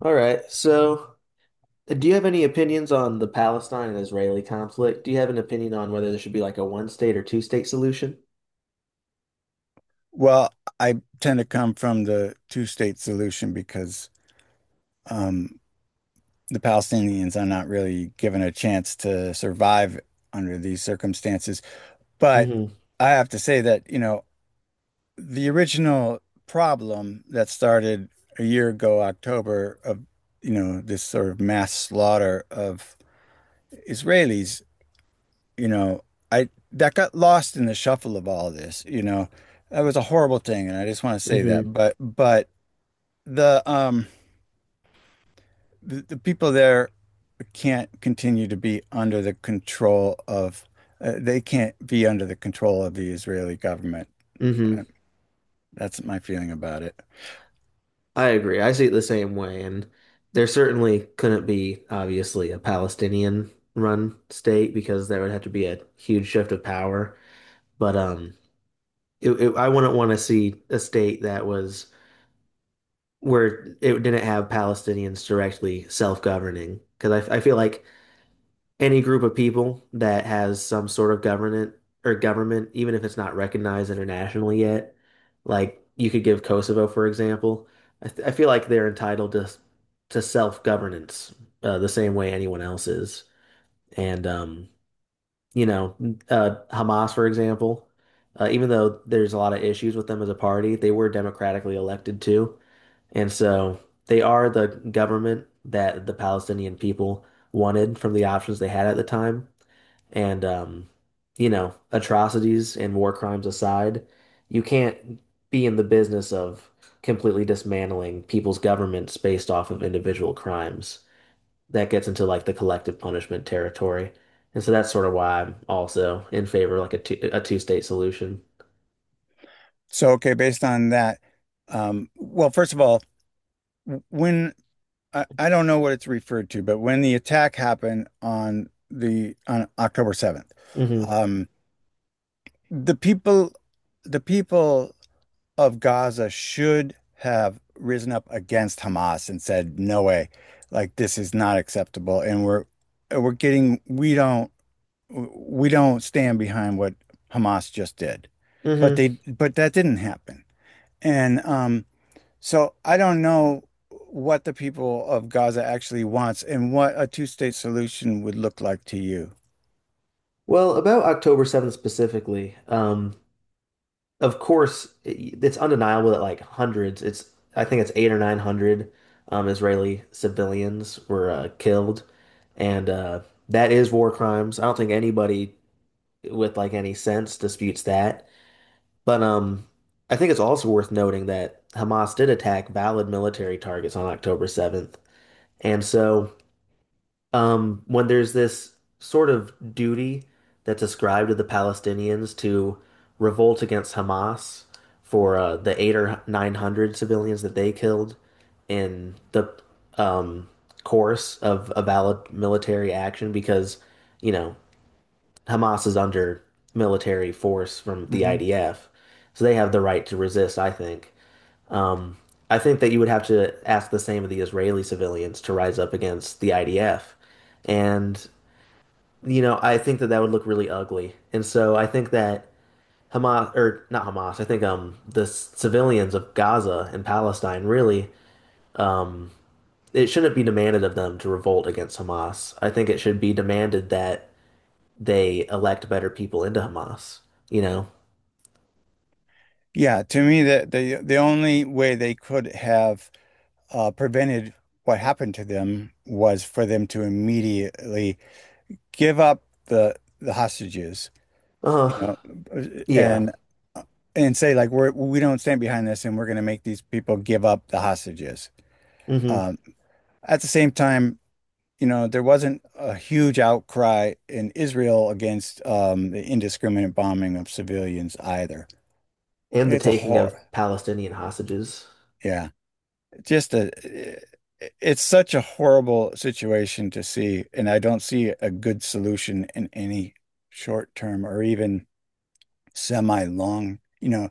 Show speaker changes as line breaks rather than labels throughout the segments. All right. So, do you have any opinions on the Palestine and Israeli conflict? Do you have an opinion on whether there should be like a one state or two state solution?
Well, I tend to come from the two-state solution because um, the Palestinians are not really given a chance to survive under these circumstances. But
Mm-hmm.
I have to say that, you know, the original problem that started a year ago, October, you know, this sort of mass slaughter of Israelis, you know, I that got lost in the shuffle of all this, you know. That was a horrible thing, and I just want to say
Mm-hmm.
that. But but the um the, the people there can't continue to be under the control of they can't be under the control of the Israeli government.
Mm-hmm.
Uh, That's my feeling about it.
I agree. I see it the same way. And there certainly couldn't be, obviously, a Palestinian run state because there would have to be a huge shift of power. But I wouldn't want to see a state that was where it didn't have Palestinians directly self-governing because I feel like any group of people that has some sort of government or government, even if it's not recognized internationally yet, like you could give Kosovo, for example, I feel like they're entitled to self-governance the same way anyone else is, and you know, Hamas, for example, even though there's a lot of issues with them as a party, they were democratically elected too. And so they are the government that the Palestinian people wanted from the options they had at the time. And atrocities and war crimes aside, you can't be in the business of completely dismantling people's governments based off of individual crimes that gets into like the collective punishment territory. And so that's sort of why I'm also in favor of like a two-state solution.
So, okay, based on that, well, first of all, when I don't know what it's referred to, but when the attack happened on the on October 7th,
Hmm
um, the people the people of Gaza should have risen up against Hamas and said, "No way, like this is not acceptable." And we're getting we don't we don't stand behind what Hamas just did, but
hmm
they but that didn't happen. And so I don't know what the people of Gaza actually wants and what a two-state solution would look like to you.
Well, about October 7th specifically, of course, it's undeniable that like hundreds, it's I think it's eight or nine hundred Israeli civilians were killed, and that is war crimes. I don't think anybody with like any sense disputes that. But I think it's also worth noting that Hamas did attack valid military targets on October 7th. And so when there's this sort of duty that's ascribed to the Palestinians to revolt against Hamas for the eight or 900 civilians that they killed in the um, course of a valid military action, because, you know, Hamas is under military force from the
Hmm
IDF, so they have the right to resist, I think. Um, I think that you would have to ask the same of the Israeli civilians to rise up against the IDF. And, you know, I think that that would look really ugly. And so I think that Hamas, or not Hamas, I think the civilians of Gaza and Palestine really, um, it shouldn't be demanded of them to revolt against Hamas. I think it should be demanded that they elect better people into Hamas. You know,
Yeah, to me, the only way they could have prevented what happened to them was for them to immediately give up the hostages, you
Uh,
know,
yeah.
and and say like we don't stand behind this and we're going to make these people give up the hostages.
hmm
Um, at the same time, you know, there wasn't a huge outcry in Israel against the indiscriminate bombing of civilians either.
And the
It's a
taking of
horror.
Palestinian hostages.
Yeah, just a. It's such a horrible situation to see, and I don't see a good solution in any short term or even semi long. You know,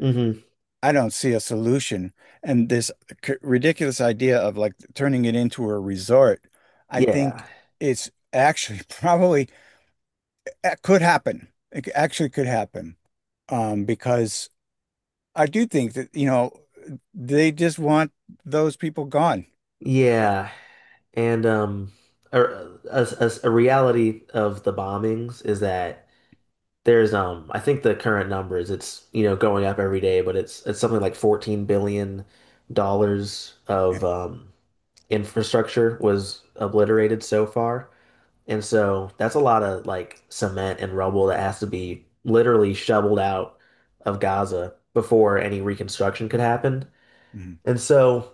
Hmm
I don't see a solution, and this ridiculous idea of like turning it into a resort, I
Yeah.
think it's actually probably It could happen. It actually could happen. Because I do think that, you know, they just want those people gone.
Yeah. And a, a, a reality of the bombings is that there's I think the current number is it's going up every day, but it's something like 14 dollars of
Yeah.
infrastructure was obliterated so far. And so that's a lot of like cement and rubble that has to be literally shoveled out of Gaza before any reconstruction could happen.
Mhm.
And so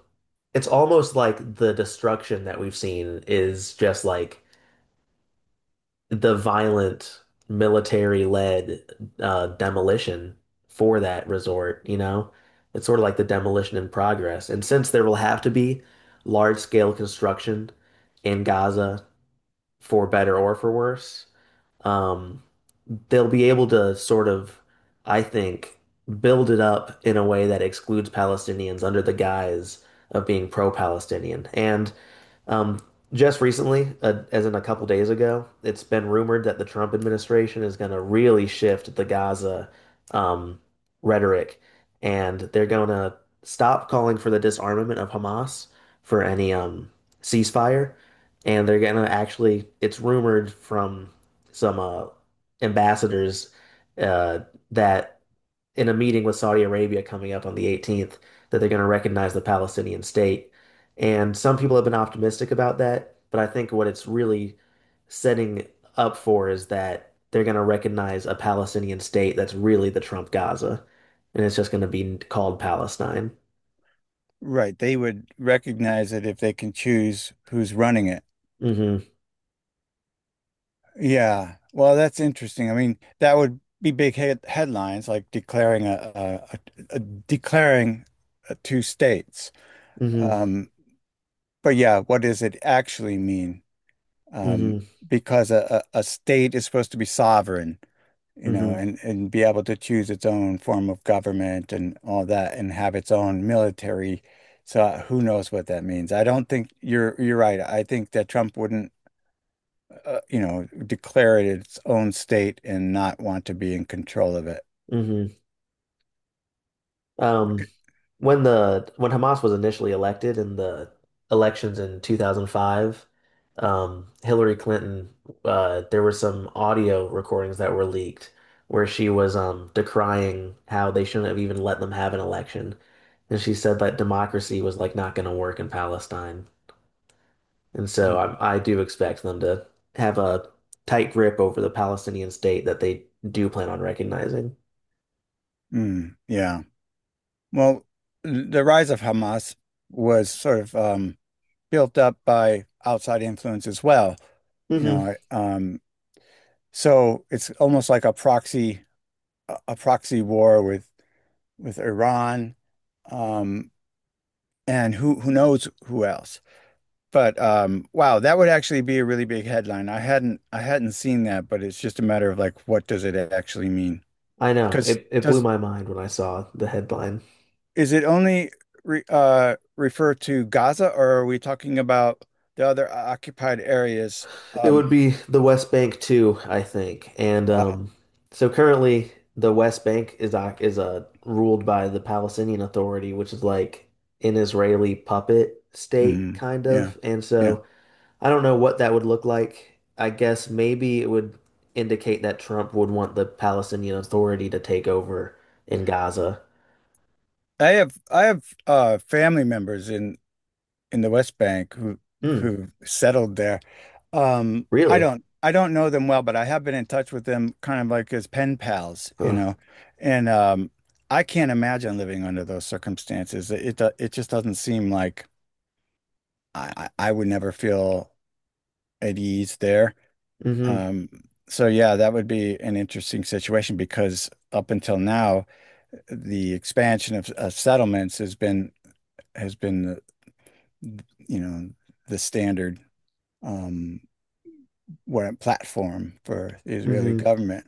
it's almost like the destruction that we've seen is just like the violent military-led demolition for that resort, you know? It's sort of like the demolition in progress. And since there will have to be large-scale construction in Gaza for better or for worse, um, they'll be able to sort of, I think, build it up in a way that excludes Palestinians under the guise of being pro-Palestinian. And um, just recently, as in a couple days ago, it's been rumored that the Trump administration is going to really shift the Gaza um, rhetoric, and they're going to stop calling for the disarmament of Hamas for any ceasefire, and they're going to actually, it's rumored from some ambassadors uh, that in a meeting with Saudi Arabia coming up on the 18th that they're going to recognize the Palestinian state. And some people have been optimistic about that, but I think what it's really setting up for is that they're going to recognize a Palestinian state that's really the Trump Gaza, and it's just going to be called Palestine.
Right. They would recognize it if they can choose who's running it.
Hmm
Yeah. Well, that's interesting. I mean, that would be big headlines like declaring a declaring two states.
hmm
Um, but yeah, what does it actually mean? um,
hmm
because a state is supposed to be sovereign, you know,
hmm
and be able to choose its own form of government and all that and have its own military. So who knows what that means? I don't think you're right. I think that Trump wouldn't, you know, declare it its own state and not want to be in control of it.
hmm Um, When the when Hamas was initially elected in the elections in 2005, Hillary Clinton, there were some audio recordings that were leaked where she was decrying how they shouldn't have even let them have an election, and she said that democracy was like not going to work in Palestine, and so
Mm,
I do expect them to have a tight grip over the Palestinian state that they do plan on recognizing.
mm, yeah. Well, the rise of Hamas was sort of built up by outside influence as well. You
Hmm
know, so it's almost like a proxy war with Iran, um, and who knows who else. But wow, that would actually be a really big headline. I hadn't seen that, but it's just a matter of like what does it actually mean?
I know
Because
it blew
does
my mind when I saw the headline.
is it only refer to Gaza, or are we talking about the other occupied areas?
It would
Um,
be the West Bank too, I think. And
wow.
um, so currently, the West Bank is ruled by the Palestinian Authority, which is like an Israeli puppet state,
Mhm.
kind
Yeah,
of. And
yeah.
so I don't know what that would look like. I guess maybe it would indicate that Trump would want the Palestinian Authority to take over in Gaza.
I have family members in the West Bank
Hmm.
who settled there.
Really?
I don't know them well, but I have been in touch with them kind of like as pen pals, you
Huh.
know. And I can't imagine living under those circumstances. It just doesn't seem like I would never feel at ease there.
Mm-hmm.
Um, so yeah, that would be an interesting situation because up until now, the expansion of settlements has been the, you know, the standard. Um, weren't platform for the Israeli
Mm-hmm.
government.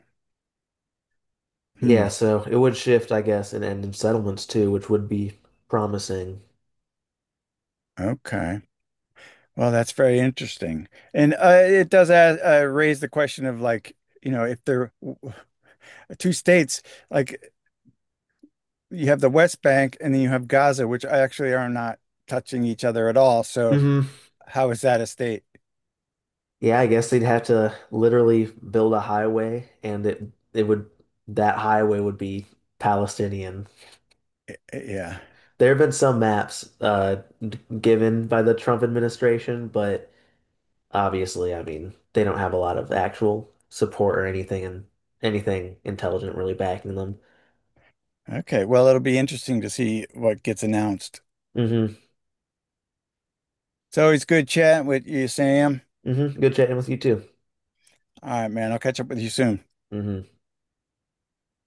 Hmm.
Yeah. So it would shift, I guess, and end in settlements too, which would be promising.
Okay. Well, that's very interesting, and it does add, raise the question of like, you know, if there two states, like you have the West Bank and then you have Gaza, which actually are not touching each other at all. So
Hmm
how is that a state?
Yeah, I guess they'd have to literally build a highway and it would that highway would be Palestinian.
Yeah.
There have been some maps given by the Trump administration, but obviously, I mean, they don't have a lot of actual support or anything and anything intelligent really backing them.
Okay. Well, it'll be interesting to see what gets announced.
Hmm
It's always good chatting with you, Sam.
hmm Good chatting with you too.
All right, man. I'll catch up with you soon.
Hmm